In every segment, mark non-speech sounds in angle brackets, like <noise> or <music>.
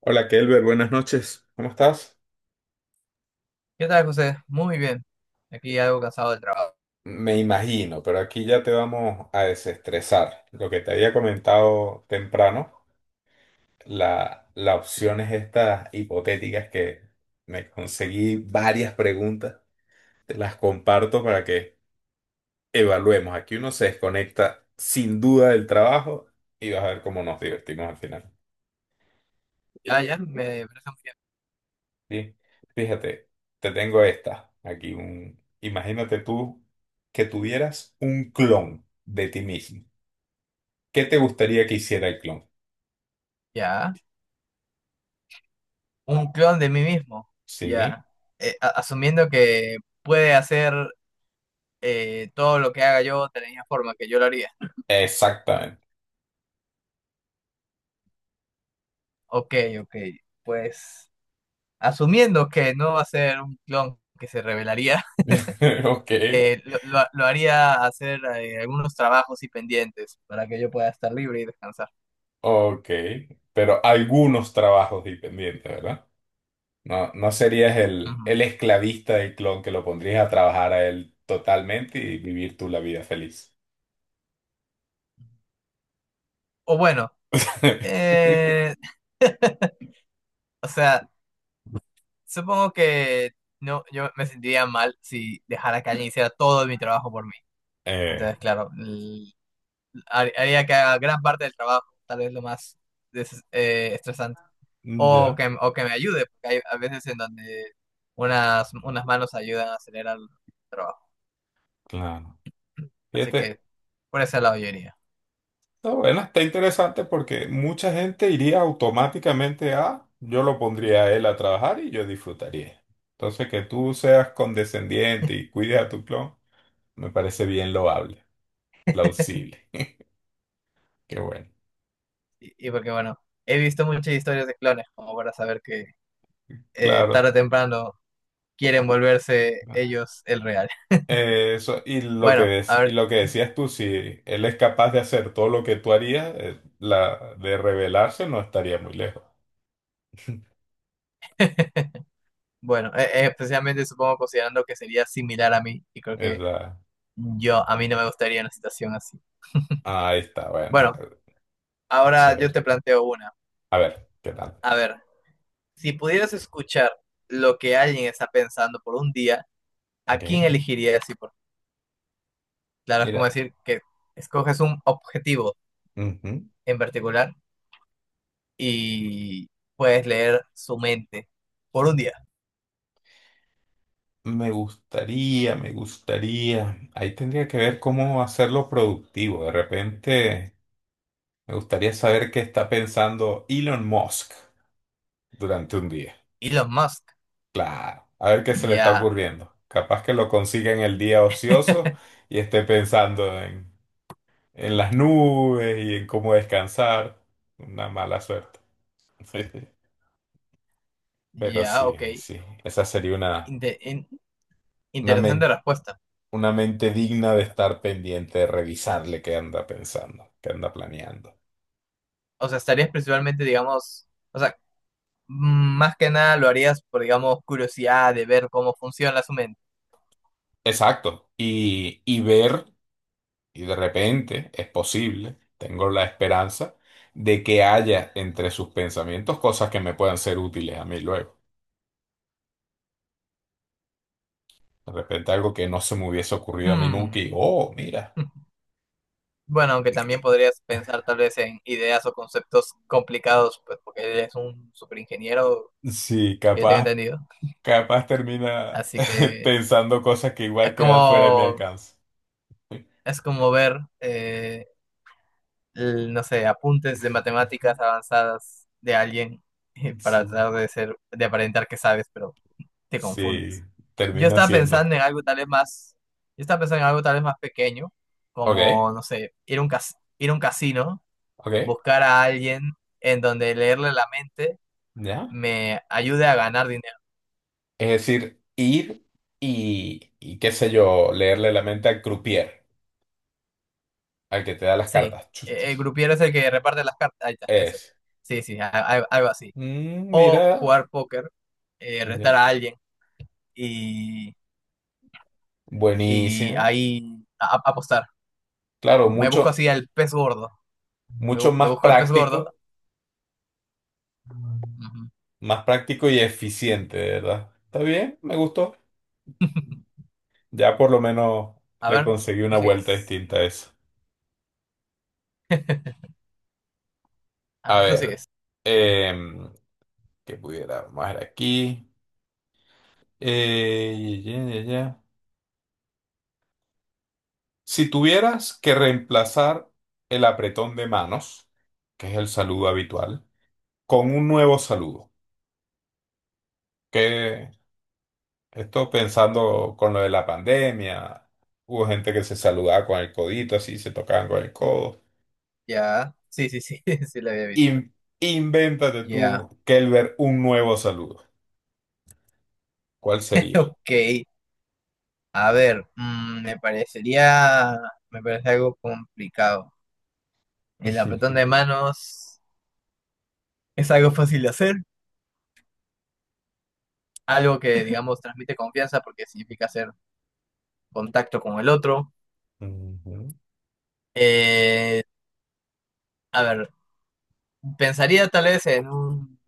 Hola, Kelber, buenas noches. ¿Cómo estás? ¿Qué tal, José? Muy bien. Aquí algo cansado del trabajo. Me imagino, pero aquí ya te vamos a desestresar. Lo que te había comentado temprano, la opción es estas hipotéticas que me conseguí varias preguntas. Te las comparto para que evaluemos. Aquí uno se desconecta sin duda del trabajo y vas a ver cómo nos divertimos al final. Ya, ya, me parece muy bien. ¿Sí? Fíjate, te tengo esta. Aquí imagínate tú que tuvieras un clon de ti mismo. ¿Qué te gustaría que hiciera el clon? Ya. Un clon de mí mismo. Sí, Ya. Asumiendo que puede hacer todo lo que haga yo de la misma forma que yo lo haría. exactamente. Ok, ok. Pues asumiendo que no va a ser un clon que se revelaría. <laughs> <laughs> Ok, Lo haría hacer algunos trabajos y pendientes para que yo pueda estar libre y descansar. ok. Pero algunos trabajos dependientes, ¿verdad? No, no serías el, Ujú. el esclavista del clon que lo pondrías a trabajar a él totalmente y vivir tú la vida feliz. O bueno, <laughs> eh, <laughs> o sea. Supongo que no, yo me sentiría mal si dejara que alguien hiciera todo mi trabajo por mí. Eh, Entonces, claro, haría que haga gran parte del trabajo, tal vez lo más estresante. O ya, que, o que me ayude, porque hay a veces en donde unas manos ayudan a acelerar el trabajo. claro. Así que Fíjate, por ese lado yo iría. está bueno, está interesante porque mucha gente iría automáticamente a, yo lo pondría a él a trabajar y yo disfrutaría. Entonces, que tú seas condescendiente y cuides a tu clon, me parece bien loable, plausible. <laughs> Qué bueno. Y porque, bueno, he visto muchas historias de clones como para saber que tarde Claro. o temprano quieren volverse ellos el real. <laughs> Eso, y lo que Bueno, a y ver. lo que decías tú, si él es capaz de hacer todo lo que tú harías, la de rebelarse no estaría muy lejos. <laughs> <laughs> Bueno, especialmente supongo considerando que sería similar a mí y creo Es que la- a mí no me gustaría una situación así. ah, ahí está, bueno, Bueno, ahora yo chévere. te planteo una. A ver, ¿qué tal? A ver, si pudieras escuchar lo que alguien está pensando por un día, ¿a Ok. quién elegirías y por qué? Claro, es como Mira. decir que escoges un objetivo Ujú. en particular y puedes leer su mente por un día. Me gustaría, me gustaría. Ahí tendría que ver cómo hacerlo productivo. De repente, me gustaría saber qué está pensando Elon Musk durante un día. Elon Musk. Claro, a ver qué se le está Ya, ocurriendo. Capaz que lo consiga en el día ocioso <laughs> y esté pensando en las nubes y en cómo descansar. Una mala suerte. <laughs> Pero ya, sí, ok. sí, esa sería una, Inte- in- una Interesante respuesta. una mente digna de estar pendiente, de revisarle qué anda pensando, qué anda planeando. O sea, estarías principalmente, digamos, o sea, más que nada lo harías por, digamos, curiosidad de ver cómo funciona su mente. Exacto. Y ver, y de repente es posible, tengo la esperanza de que haya entre sus pensamientos cosas que me puedan ser útiles a mí luego. De repente algo que no se me hubiese ocurrido a mí Mm. nunca y, oh, mira. <laughs> Bueno, aunque también eh, podrías pensar tal vez en ideas o conceptos complicados, pues porque él es un superingeniero, Sí, que yo tengo capaz, entendido. Termina Así <laughs> que pensando cosas que es igual quedan fuera de mi como, alcance. <laughs> Ver, no sé, apuntes de matemáticas avanzadas de alguien <laughs> Sí, para tratar de ser, de aparentar que sabes, pero te confundes. sí, Yo termina estaba siendo. pensando en algo tal vez más, yo estaba pensando en algo tal vez más pequeño, como, Ok. no sé, ir a un casino, Ok, buscar a alguien en donde leerle la mente ya. me ayude a ganar dinero. Es decir, ir y qué sé yo, leerle la mente al croupier, al que te da las Sí, cartas. Chuchi. El grupiero es el que reparte las cartas. Ahí está, ese. Es. Sí, sí, algo así. Mm, O mira. jugar póker, retar Ya. a alguien y, y Buenísimo. ahí apostar. Claro, Me busco así al pez gordo. Mucho Me más busco al pez gordo. práctico, Ujú. Y eficiente, de verdad. Está bien, me gustó. Ya por lo menos A le ver, conseguí tú una vuelta sigues. distinta a eso. <laughs> A Ah, tú ver, sigues. que pudiera más aquí. Ya, ya, ya. Si tuvieras que reemplazar el apretón de manos, que es el saludo habitual, con un nuevo saludo, que esto pensando con lo de la pandemia, hubo gente que se saludaba con el codito, así se tocaban con el codo. Ya. Sí, sí, sí, <laughs> sí la había visto. In- Invéntate Ya. tú, Kelber, un nuevo saludo. ¿Cuál <laughs> sería? Ok. A ver, me parece algo complicado. El apretón de <laughs> manos es algo fácil de hacer, algo que, <laughs> digamos, transmite confianza porque significa hacer contacto con el otro. Ujú, Eh, a ver, pensaría tal vez en un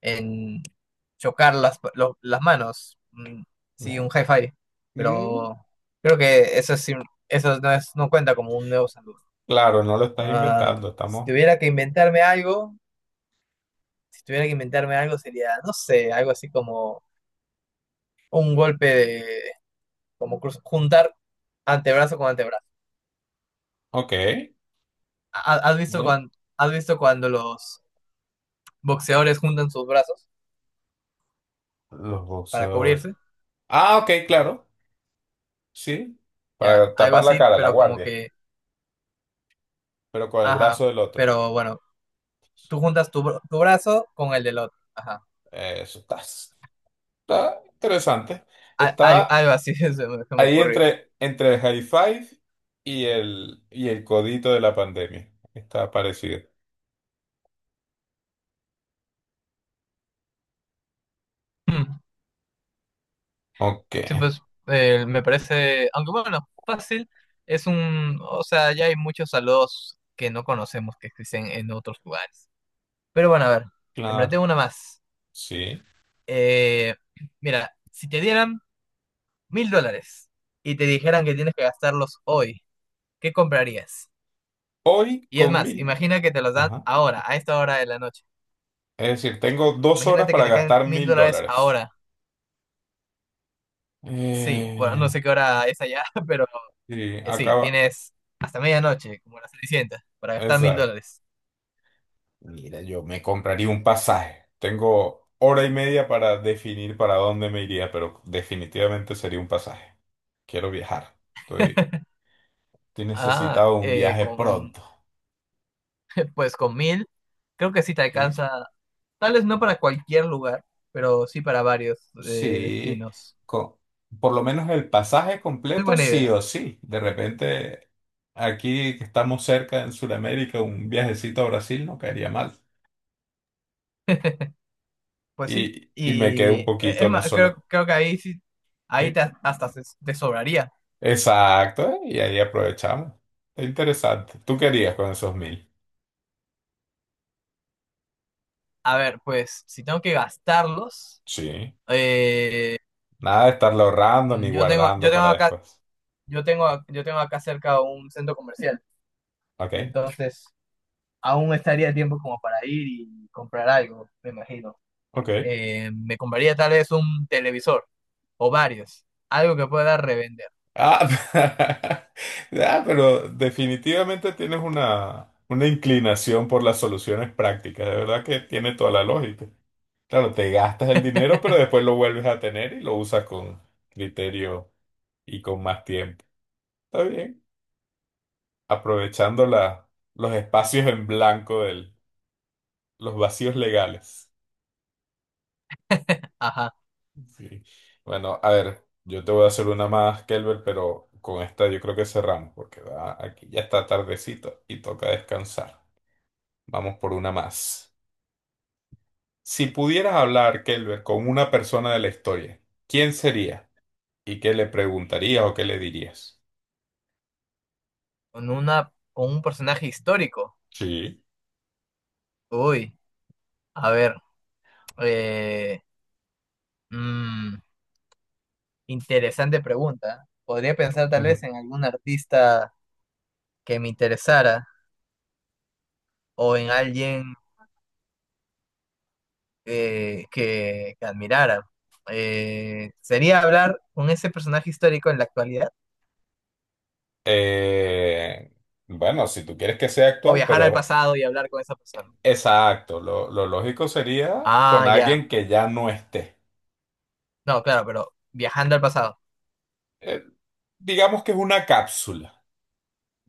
en chocar las manos. Mm, sí, un ya. hi-fi. Mm, Pero creo que eso, eso no, no cuenta como un nuevo saludo. claro, no lo estás Ah, inventando, si estamos... tuviera que inventarme algo, si tuviera que inventarme algo sería, no sé, algo así como un golpe de, juntar antebrazo con antebrazo. Ok, ¿Ha- ¿Has visto ¿no? cuando, has visto cuando los boxeadores juntan sus brazos Los para boxeadores. cubrirse? Ah, ok, claro. Sí, Ya, para algo tapar la así, cara, la pero como guardia, que, pero con el ajá, brazo del otro. pero bueno, tú juntas tu, tu brazo con el del otro. Ajá. Eso está interesante. Está Algo así <laughs> se me ahí ocurrió. Entre el high five y y el codito de la pandemia. Está parecido. Mm, Ok, sí, pues me parece, aunque bueno, fácil, es un, o sea, ya hay muchos saludos que no conocemos que existen en otros lugares. Pero bueno, a ver, te claro, planteo una más. sí. Eh, Mira, si te dieran $1.000 y te dijeran que tienes que gastarlos hoy, ¿qué comprarías? Hoy Y es con más, 1.000. imagina que te los dan Ajá. ahora, a esta hora de la noche. Es decir, tengo 2 horas Imagínate que para te caen gastar mil mil dólares dólares. ahora. Sí, bueno, no Eh, sé qué hora es allá, <laughs> pero sí, sí, acaba. tienes hasta medianoche, como las Cenicienta, para gastar mil Exacto. dólares. Mira, yo me compraría un pasaje. Tengo hora y media para definir para dónde me iría, pero definitivamente sería un pasaje. Quiero viajar. Estoy Ah, necesitado de un viaje pronto. <laughs> pues con 1.000, creo que sí te ¿Sí? alcanza, tal vez no para cualquier lugar, pero sí para varios Sí, destinos. co- por lo menos el pasaje Muy completo, buena sí idea, o sí. De repente, aquí que estamos cerca en Sudamérica, un viajecito a Brasil no caería mal. pues sí. Y me quedo Y un es poquito, no más, solo. creo que ahí sí, ahí ¿Sí? te- hasta se- te sobraría. Exacto, ¿eh? Y ahí aprovechamos. Es interesante. ¿Tú querías con esos 1.000? A ver, pues si tengo que gastarlos, Sí. eh, Nada de estarlo ahorrando mm, ni yo tengo, yo guardando tengo para acá, después. Yo tengo acá cerca un centro comercial. Ok, Entonces, aún estaría el tiempo como para ir y comprar algo, me imagino. ok. Me compraría tal vez un televisor o varios, algo que pueda revender. Ah, <laughs> ah, pero definitivamente tienes una, inclinación por las soluciones prácticas. De verdad que tiene toda la lógica. Claro, te gastas el dinero, pero <laughs> después lo vuelves a tener y lo usas con criterio y con más tiempo. Está bien. Aprovechando los espacios en blanco del. Los vacíos legales. Ajá, Sí. Bueno, a ver, yo te voy a hacer una más, Kelber, pero con esta yo creo que cerramos, porque aquí ya está tardecito y toca descansar. Vamos por una más. Si pudieras hablar, Kelber, con una persona de la historia, ¿quién sería? ¿Y qué le preguntarías o qué le dirías? Con un personaje histórico. Sí. Uy, a ver, eh, mm, interesante pregunta. Podría pensar tal vez Ujú. en algún artista que me interesara o en alguien que admirara. ¿Sería hablar con ese personaje histórico en la actualidad? Eh, bueno, si tú quieres que sea O actual, viajar al pero pasado y hablar con esa persona. exacto, lo lógico sería Ah, con ya. alguien que ya no esté. No, claro, pero viajando al pasado. eh, digamos que es una cápsula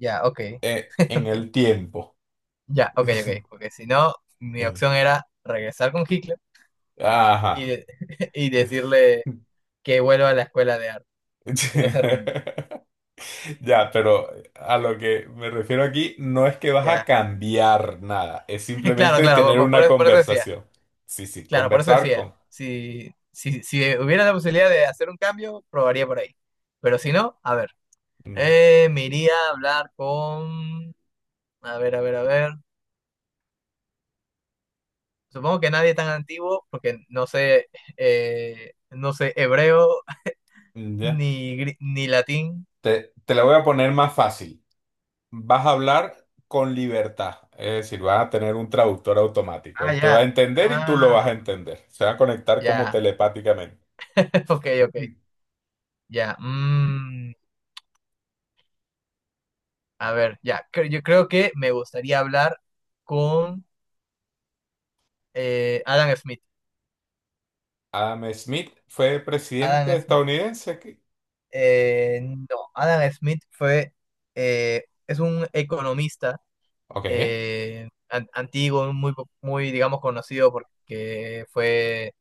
Ya, ok, <laughs> en ok. el tiempo. Ya, ok, ok. <laughs> Porque si no, mi opción era regresar con Hitler y, Ajá. de- <laughs> y <laughs> decirle que vuelva a la escuela de arte, que no se rinda. Ya, pero a lo que me refiero aquí no es que vas a Ya. cambiar nada, es <laughs> Claro, simplemente claro, tener una por eso decía. conversación. Sí, sí, Claro, por eso conversar decía. con... Si hubiera la posibilidad de hacer un cambio, probaría por ahí. Pero si no, a ver. Mm. Me iría a hablar con... a ver. Supongo que nadie tan antiguo, porque no sé, no sé hebreo <laughs> Ya. Ni latín. Te la voy a poner más fácil. Vas a hablar con libertad, es decir, vas a tener un traductor automático. Ah, Él te va a ya. entender y tú lo vas a Ah, entender. Se va a conectar como ya. telepáticamente. <laughs> Ok, ok. Ya. Mm, a ver, ya. Yo creo que me gustaría hablar con Adam Smith. Adam Smith fue presidente Adam Smith, estadounidense. No, Adam Smith es un economista Ok, antiguo, muy, digamos, conocido porque fue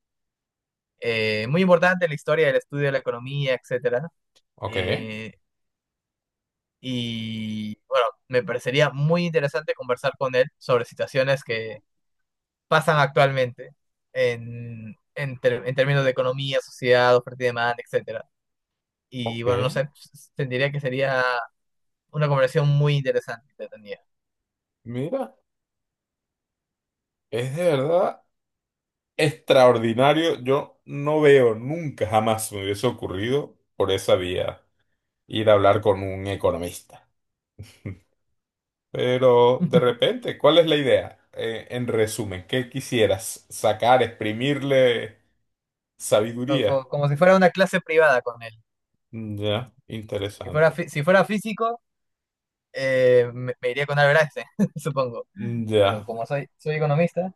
muy importante en la historia del estudio de la economía, etcétera. ok, Eh, y bueno, me parecería muy interesante conversar con él sobre situaciones que pasan actualmente en, en términos de economía, sociedad, oferta y demanda, etcétera. Y bueno, no ok. sé, sentiría que sería una conversación muy interesante, entretenida. Mira, es de verdad extraordinario. Yo no veo nunca, jamás me hubiese ocurrido por esa vía ir a hablar con un economista. Pero de <laughs> repente, ¿cuál es la idea? En resumen, ¿qué quisieras sacar, exprimirle sabiduría? Como si fuera una clase privada con él. Ya, interesante. Si fuera físico, me iría con Albert Einstein, <laughs> supongo. Pero Ya, como soy economista,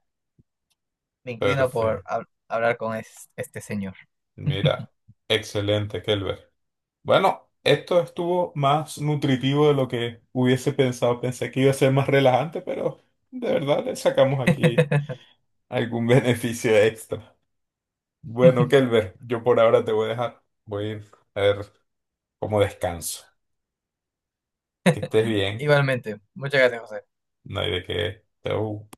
me inclino por perfecto. Hablar con este señor. Mira, excelente, Kelber. Bueno, esto estuvo más nutritivo de lo que hubiese pensado. Pensé que iba a ser más relajante, pero de verdad le sacamos aquí <laughs> algún <laughs> beneficio extra. Bueno, Kelber, yo por ahora te voy a dejar. Voy a ir a ver cómo descanso. Que estés bien. Igualmente, muchas gracias, José. No hay de qué. Chau.